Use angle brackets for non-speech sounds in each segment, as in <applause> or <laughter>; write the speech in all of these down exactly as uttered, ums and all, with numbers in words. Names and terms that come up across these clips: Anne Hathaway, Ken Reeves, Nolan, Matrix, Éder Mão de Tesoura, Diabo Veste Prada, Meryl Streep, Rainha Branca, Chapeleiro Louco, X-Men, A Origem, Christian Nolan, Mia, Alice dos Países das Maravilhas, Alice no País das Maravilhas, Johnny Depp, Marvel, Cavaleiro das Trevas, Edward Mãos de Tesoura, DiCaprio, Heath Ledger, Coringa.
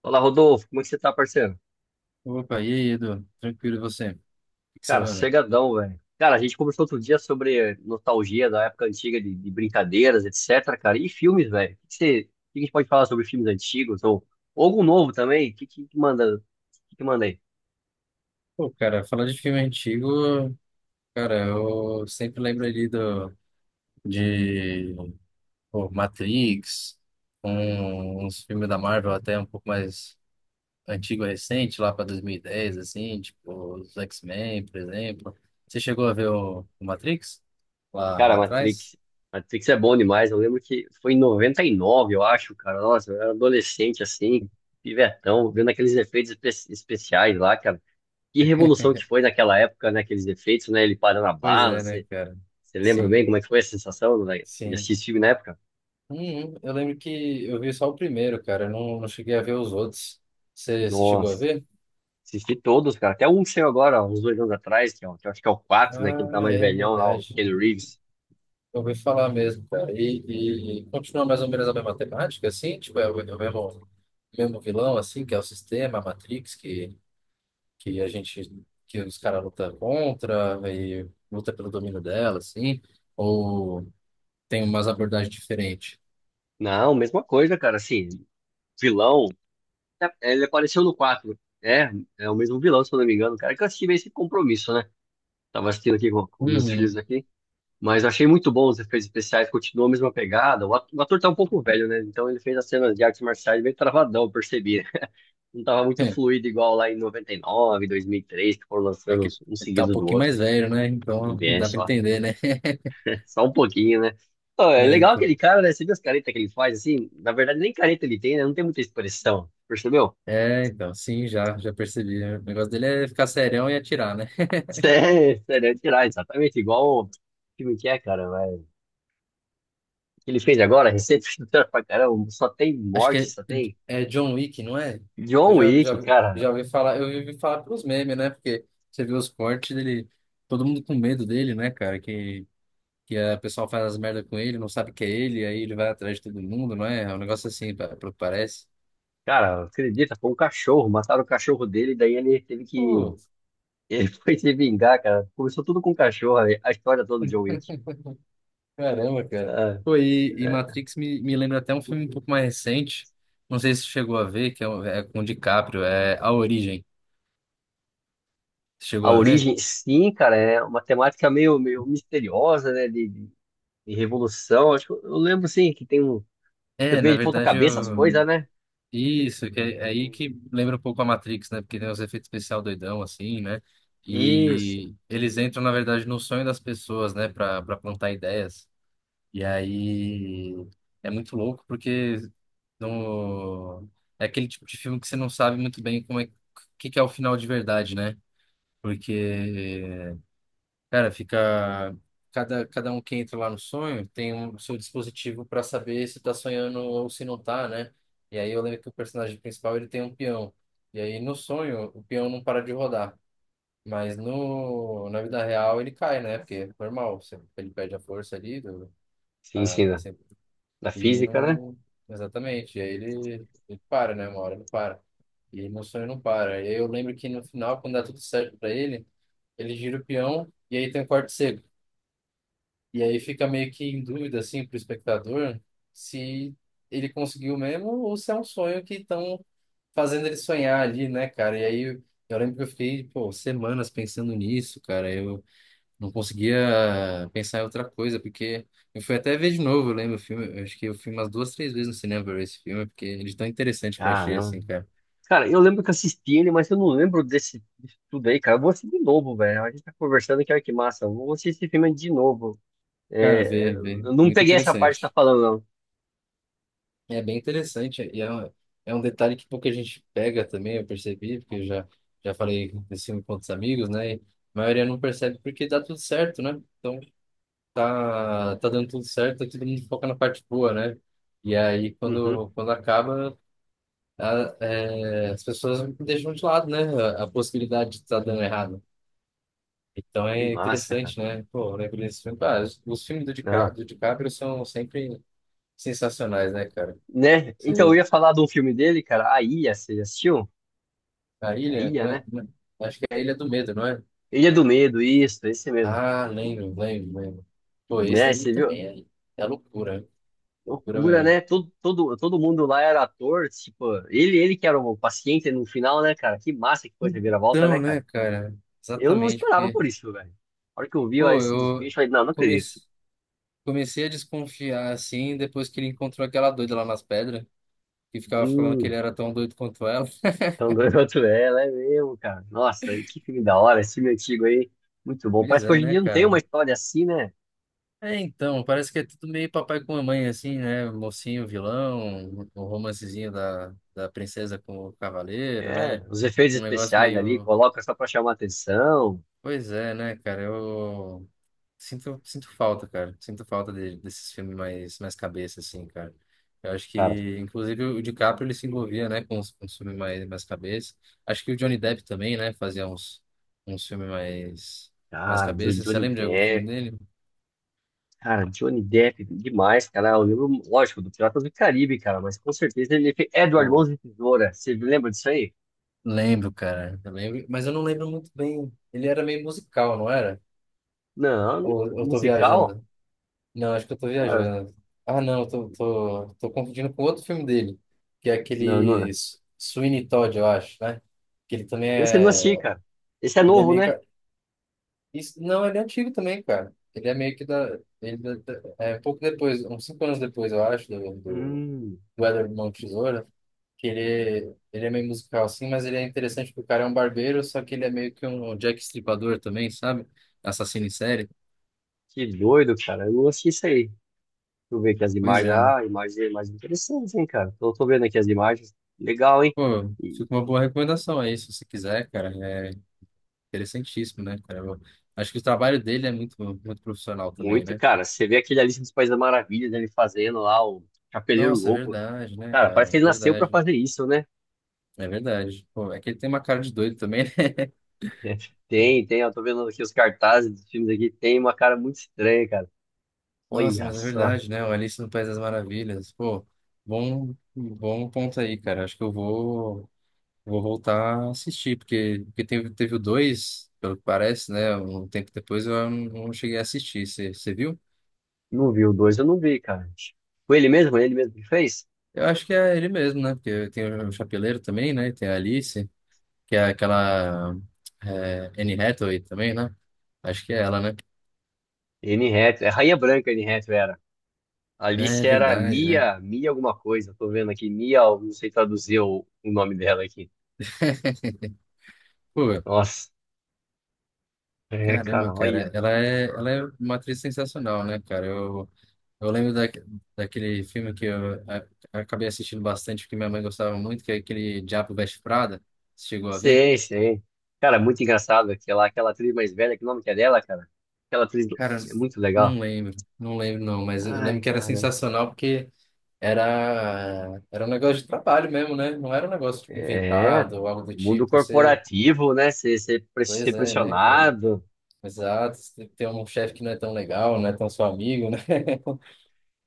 Olá, Rodolfo, como é que você tá, parceiro? Opa, e aí, Edu? Tranquilo, e você? O que que você Cara, manda? sossegadão, velho. Cara, a gente conversou outro dia sobre nostalgia da época antiga de, de brincadeiras, etc, cara. E filmes, velho. O que que você, o que que a gente pode falar sobre filmes antigos ou, ou algum novo também? O que, que, que manda, o que, que manda aí? Pô, cara, falando de filme antigo, cara, eu sempre lembro ali do, de pô, Matrix, um, uns filmes da Marvel até um pouco mais antigo, recente, lá para dois mil e dez, assim, tipo os X-Men, por exemplo. Você chegou a ver o, o Matrix? Lá, Cara, lá atrás? Matrix. Matrix é bom demais. Eu lembro que foi em noventa e nove, eu acho, cara. Nossa, eu era adolescente assim, pivetão, vendo aqueles efeitos espe- especiais lá, cara. Que revolução que foi naquela época, né? Aqueles efeitos, né? Ele parando a Pois bala. é, né, Você cara? lembra Sim, bem como é que foi a sensação, velho, de sim. assistir esse filme na época? Uhum. Eu lembro que eu vi só o primeiro, cara. Eu não, não cheguei a ver os outros. Você você chegou a Nossa, ver? assisti todos, cara. Até um que saiu agora, ó, uns dois anos atrás, que, é o- que eu acho que é o quatro, né? Que ele Ah, tá mais é velhão lá, o verdade. Ken Reeves. Eu ouvi falar mesmo, cara. E, e e continua mais ou menos a mesma temática, assim? Tipo, é o, é o mesmo, mesmo vilão, assim, que é o sistema, a Matrix, que, que a gente, que os caras lutam contra e luta pelo domínio dela, assim? Ou tem umas abordagens diferentes? Não, mesma coisa, cara. Assim, vilão. é, Ele apareceu no quatro. É, é o mesmo vilão, se eu não me engano, cara. Que eu assisti meio sem compromisso, né? Tava assistindo aqui com, com meus filhos Uhum. aqui. Mas eu achei muito bom os efeitos especiais, continuou a mesma pegada. O ato- o ator tá um pouco velho, né? Então ele fez as cenas de artes marciais bem travadão, eu percebi, né? Não tava muito <laughs> fluido igual lá em noventa e nove, dois mil e três, que foram É é lançando que um ele tá um seguido do pouquinho outro. mais velho, né? Então É dá pra só, entender, né? <laughs> <laughs> só um pouquinho, né? Pô, é É, legal então. aquele cara, né? Você viu as caretas que ele faz assim? Na verdade, nem careta ele tem, né? Não tem muita expressão, percebeu? É, então, sim, já, já percebi. O negócio dele é ficar serião e atirar, né? <laughs> Sério, sério, é tirar exatamente igual o filme que é, cara, vai. O que ele fez agora, recente, <laughs> pra caramba, só tem Acho que morte, só tem é, é John Wick, não é? Eu John já, Wick, já, cara. já ouvi falar, eu ouvi falar pelos memes, né? Porque você viu os cortes dele, todo mundo com medo dele, né, cara? Que, que a pessoa faz as merdas com ele, não sabe que é ele, aí ele vai atrás de todo mundo, não é? É um negócio assim, pa- pelo que parece. Cara, acredita, foi um cachorro, mataram o cachorro dele, daí ele teve que. Pô, Ele foi se vingar, cara. Começou tudo com o cachorro, a a história toda do John Wick. caramba, cara. Ah, Pô, e, e é. Matrix me, me lembra até um filme um pouco mais recente, não sei se você chegou a ver, que é, um- é com o DiCaprio, é A Origem. Você A chegou a ver? origem, sim, cara, é uma temática meio, meio misteriosa, né? De, de- de revolução. Acho que eu eu lembro, sim, que tem um. Fica É, na meio de ponta verdade cabeça as eu. coisas, né? Isso, que é é aí Hum. que lembra um pouco a Matrix, né? Porque tem os efeitos especial doidão, assim, né? Isso. E eles entram, na verdade, no sonho das pessoas, né? Pra, pra plantar ideias. E aí é muito louco, porque no... é aquele tipo de filme que você não sabe muito bem como é o que que é o final de verdade, né? Porque cara, fica. Cada, cada um que entra lá no sonho tem um seu dispositivo para saber se tá sonhando ou se não tá, né? E aí eu lembro que o personagem principal ele tem um peão. E aí no sonho o peão não para de rodar. Mas no, na vida real ele cai, né? Porque é normal, você- ele perde a força ali. Do, Sim, a, sim, é da, sempre- da e física, né? não. Exatamente. E aí ele, ele para, né? Uma hora ele para. E no sonho não para. E aí eu lembro que no final, quando dá tudo certo para ele, ele gira o peão e aí tem um corte seco. E aí fica meio que em dúvida, assim, pro espectador, se ele conseguiu mesmo ou se é um sonho que estão fazendo ele sonhar ali, né, cara? E aí eu, eu lembro que eu fiquei, pô, semanas pensando nisso, cara. Eu não conseguia pensar em outra coisa, porque eu fui até ver de novo, eu lembro o filme. Eu acho que eu fui umas duas, três vezes no cinema pra ver esse filme, porque ele é tão interessante que eu achei, Caramba. assim, cara. Cara, eu lembro que eu assisti ele, mas eu não lembro desse, disso tudo aí, cara. Eu vou assistir de novo, velho. A gente tá conversando aqui, olha que massa. Eu vou assistir esse filme de novo. Cara, É, vê, vê, eu não muito peguei essa parte que você tá interessante. falando, É bem interessante e é um, é um detalhe que pouca gente pega também, eu percebi, porque eu já, já falei desse filme com outros amigos, né? E a maioria não percebe porque dá tudo certo, né? Então tá, tá dando tudo certo, tá todo mundo foca na parte boa, né? E aí não. Uhum. quando, quando acaba, a- é, as pessoas deixam de lado, né? A, a possibilidade de estar dando errado. Então Que é massa, cara. interessante, né? Pô, eu lembro desse filme. Ah, os, os filmes do, Dica, Não, do DiCaprio são sempre sensacionais, né, cara? né? Então eu ia falar de um filme dele, cara, A Ilha, você já assistiu? A A ilha? Ilha, Não é- né? é- acho que é a Ilha do Medo, não é? Ilha do Medo, isso, esse mesmo. Ah, lembro, lembro, lembro. Pô, esse Né, aí você viu? também é, é loucura, né? Loucura Loucura, né? mesmo. Todo, todo, todo mundo lá era ator, tipo, ele, ele que era o paciente no final, né, cara? Que massa que foi a reviravolta, né, Então, cara? né, cara? Eu não Exatamente, esperava porque, por isso, velho. A hora que eu vi ó, pô, esse desfecho, eu eu falei, não, não acredito. comecei, comecei a desconfiar assim depois que ele encontrou aquela doida lá nas pedras, que ficava falando que ele Hum, era tão doido quanto ela. <laughs> tão doido quanto <laughs> ela, é mesmo, cara. Nossa, e que filme da hora, esse filme antigo aí. Muito bom. Pois Parece que é, hoje em né, dia não tem cara? uma história assim, né? É, então, parece que é tudo meio papai com mamãe, assim, né? Mocinho, vilão, o romancezinho da, da princesa com o cavaleiro, É, né? os efeitos Um negócio especiais ali, meio. coloca só pra chamar atenção. Pois é, né, cara? Eu sinto, sinto falta, cara. Sinto falta de- desses filmes mais, mais cabeça, assim, cara. Eu acho Cara, que, inclusive, o DiCaprio ele se envolvia, né, com os, com os filmes mais, mais cabeça. Acho que o Johnny Depp também, né, fazia uns, uns filmes mais, mais cara, do cabeça. Você Johnny lembra de algum filme Depp. dele? Cara, Johnny Depp, demais, cara. Eu lembro, lógico, do Piratas do Caribe, cara, mas com certeza ele fez Edward Pô, Mãos de Tesoura. Você lembra disso aí? lembro, cara. Eu lembro, mas eu não lembro muito bem. Ele era meio musical, não era? Não, Ou eu tô musical? viajando? Não, acho que eu tô Cara, viajando. Ah, não, eu tô, tô, tô confundindo com outro filme dele, que é não, aquele não. S- Sweeney Todd, eu acho, né? Que ele também Esse eu não assisti, é. cara. Esse é Ele é novo, meio que. né? Isso, não, ele é antigo também, cara. Ele é meio que da. Ele da- da- é um pouco depois, uns cinco anos depois, eu acho, do, do Hum, o Éder Mão de Tesoura, que ele, ele é meio musical assim, mas ele é interessante porque o cara é um barbeiro, só que ele é meio que um Jack Stripador também, sabe? Assassino em série. que doido, cara. Eu não assisti isso aí. Deixa eu ver aqui as Pois imagens. é. Ah, imagens é mais interessantes, hein, cara. Tô, tô vendo aqui as imagens. Legal, hein? Pô, fica uma boa recomendação aí, se você quiser, cara. É interessantíssimo, né, cara? Eu acho que o trabalho dele é muito, muito profissional também, Muito, né? cara. Você vê aquele Alice dos Países das Maravilhas, ele fazendo lá o Chapeleiro Nossa, é Louco. verdade, né, Cara, parece cara? que ele nasceu pra Verdade. fazer isso, né? É verdade. Pô, é que ele tem uma cara de doido também, né? <laughs> <laughs> Tem, tem. Eu tô vendo aqui os cartazes dos filmes aqui. Tem uma cara muito estranha, cara. Nossa, Olha mas é só. verdade, né? O Alice no País das Maravilhas. Pô, bom, bom ponto aí, cara. Acho que eu vou. Vou voltar a assistir, porque, porque teve, teve o dois pelo que parece, né? Um tempo depois eu não, não cheguei a assistir. Você você viu? Não vi o dois, eu não vi, cara. Foi ele mesmo? Ele mesmo que fez? Eu acho que é ele mesmo, né? Porque tem o Chapeleiro também, né? E tem a Alice, que é aquela é, Anne Hathaway também, né? Acho que é ela, né? Anne Hathaway. É Rainha Branca, Anne Hathaway era. É Alice era verdade, né? Mia, Mia alguma coisa. Eu tô vendo aqui. Mia, eu não sei traduzir o, o nome dela aqui. <laughs> Pô, Nossa. É, cara, caramba, cara. olha. Ela é, ela é uma atriz sensacional, né, cara? eu Eu lembro da, daquele filme que eu, a- acabei assistindo bastante, porque minha mãe gostava muito, que é aquele Diabo Veste Prada. Você chegou a ver? Sei, sei. Cara, é muito engraçado aquela, aquela atriz mais velha, que nome que é dela, cara? Aquela atriz Cara, é muito não legal. lembro, não lembro não, mas eu lembro Ai, que era cara. sensacional porque era, era um negócio de trabalho mesmo, né? Não era um negócio tipo, É. inventado ou algo do O mundo tipo. Você, corporativo, né? Ser, ser, pre- ser pois é, né, cara? pressionado. Exato, você tem um chefe que não é tão legal, não é tão seu amigo, né?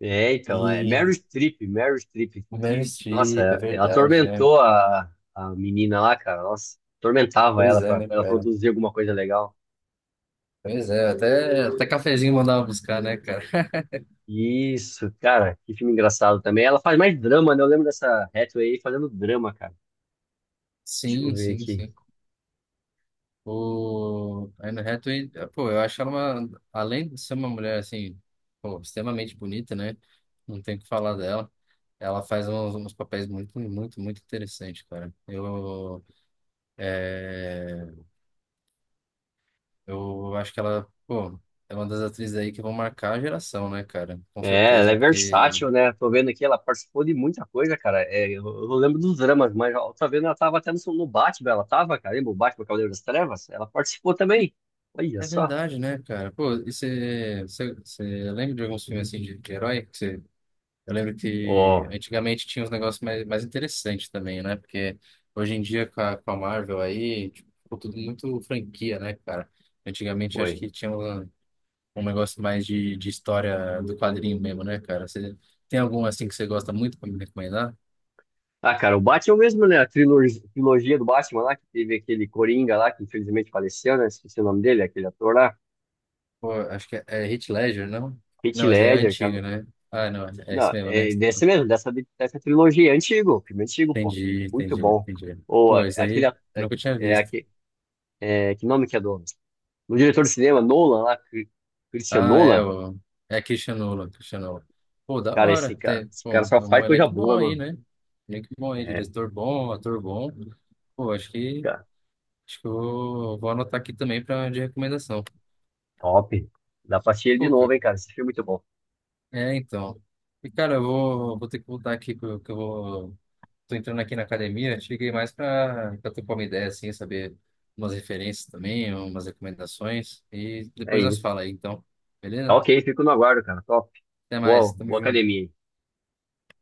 É, <laughs> então, é Meryl E Streep, Meryl Streep, Meryl que, Streep, é nossa, ela verdade, né? atormentou a, a menina lá, cara. Nossa, atormentava Pois ela é, pra, né, pra ela cara? produzir alguma coisa legal. Pois é, até, até cafezinho mandava buscar, né, cara? Isso, cara, que filme engraçado também. Ela faz mais drama, né? Eu lembro dessa Hathaway aí fazendo drama, cara. Deixa eu Sim, ver sim, aqui. sim. O a Anne Hathaway, pô, eu acho ela uma, além de ser uma mulher, assim, pô, extremamente bonita, né? Não tem o que falar dela. Ela faz uns, uns papéis muito, muito, muito interessantes, cara. Eu, é, eu acho que ela, pô, é uma das atrizes aí que vão marcar a geração, né, cara? Com É, ela certeza, é porque versátil, né? Tô vendo aqui, ela participou de muita coisa, cara. É, eu, eu lembro dos dramas, mas eu tô vendo, ela tava até no, no Batman, ela tava, cara, lembra o Batman Cavaleiro das Trevas? Ela participou também. Olha é só. verdade, né, cara? Pô, e você você- você lembra de alguns filmes, assim, de, de herói? Eu lembro que Ó, antigamente tinha uns negócios mais, mais interessantes também, né? Porque hoje em dia com a, com a Marvel aí, tipo, ficou tudo muito franquia, né, cara? Antigamente acho foi. que tinha um, um negócio mais de, de história do quadrinho mesmo, né, cara? Você tem algum assim que você gosta muito pra me recomendar? Ah, cara, o Batman mesmo, né? A trilor- trilogia do Batman lá, que teve aquele Coringa lá, que infelizmente faleceu, né? Esqueci o nome dele, aquele ator lá. Pô, acho que é, é Heath Ledger, não? Heath Não, mas é Ledger, cara. antigo né? Ah, não, é Não, esse mesmo, né? Que é você tá desse falando. mesmo, dessa, dessa trilogia, é antigo, filme antigo, pô. Entendi, Muito entendi, bom. entendi. Ou Pô, é, isso aquele, aí a- eu é, nunca tinha é, visto. aque- é, que nome que é do No diretor de cinema, Nolan, lá, Cri- Christian Ah, é, Nolan. o, é Christian Nolan, Christian Nolan. Pô, da Cara, esse hora. cara, Tem, esse pô, cara é só um faz coisa elenco bom boa, aí, mano. né? Elenco bom aí, É, diretor bom, ator bom. Pô, acho que, cara, acho que eu vou, vou anotar aqui também pra, de recomendação. top. Dá pra assistir ele de Pô, novo, ca- hein, cara. Esse filme é muito bom. é, então. E, cara, eu vou, vou ter que voltar aqui, que eu, que eu vou. Tô entrando aqui na academia, cheguei mais pra, pra trocar uma ideia, assim, saber umas referências também, umas recomendações. E É depois nós isso. fala aí, então. Tá Beleza? ok, fico no aguardo, cara. Top. Até mais, Boa, tamo boa junto. academia aí.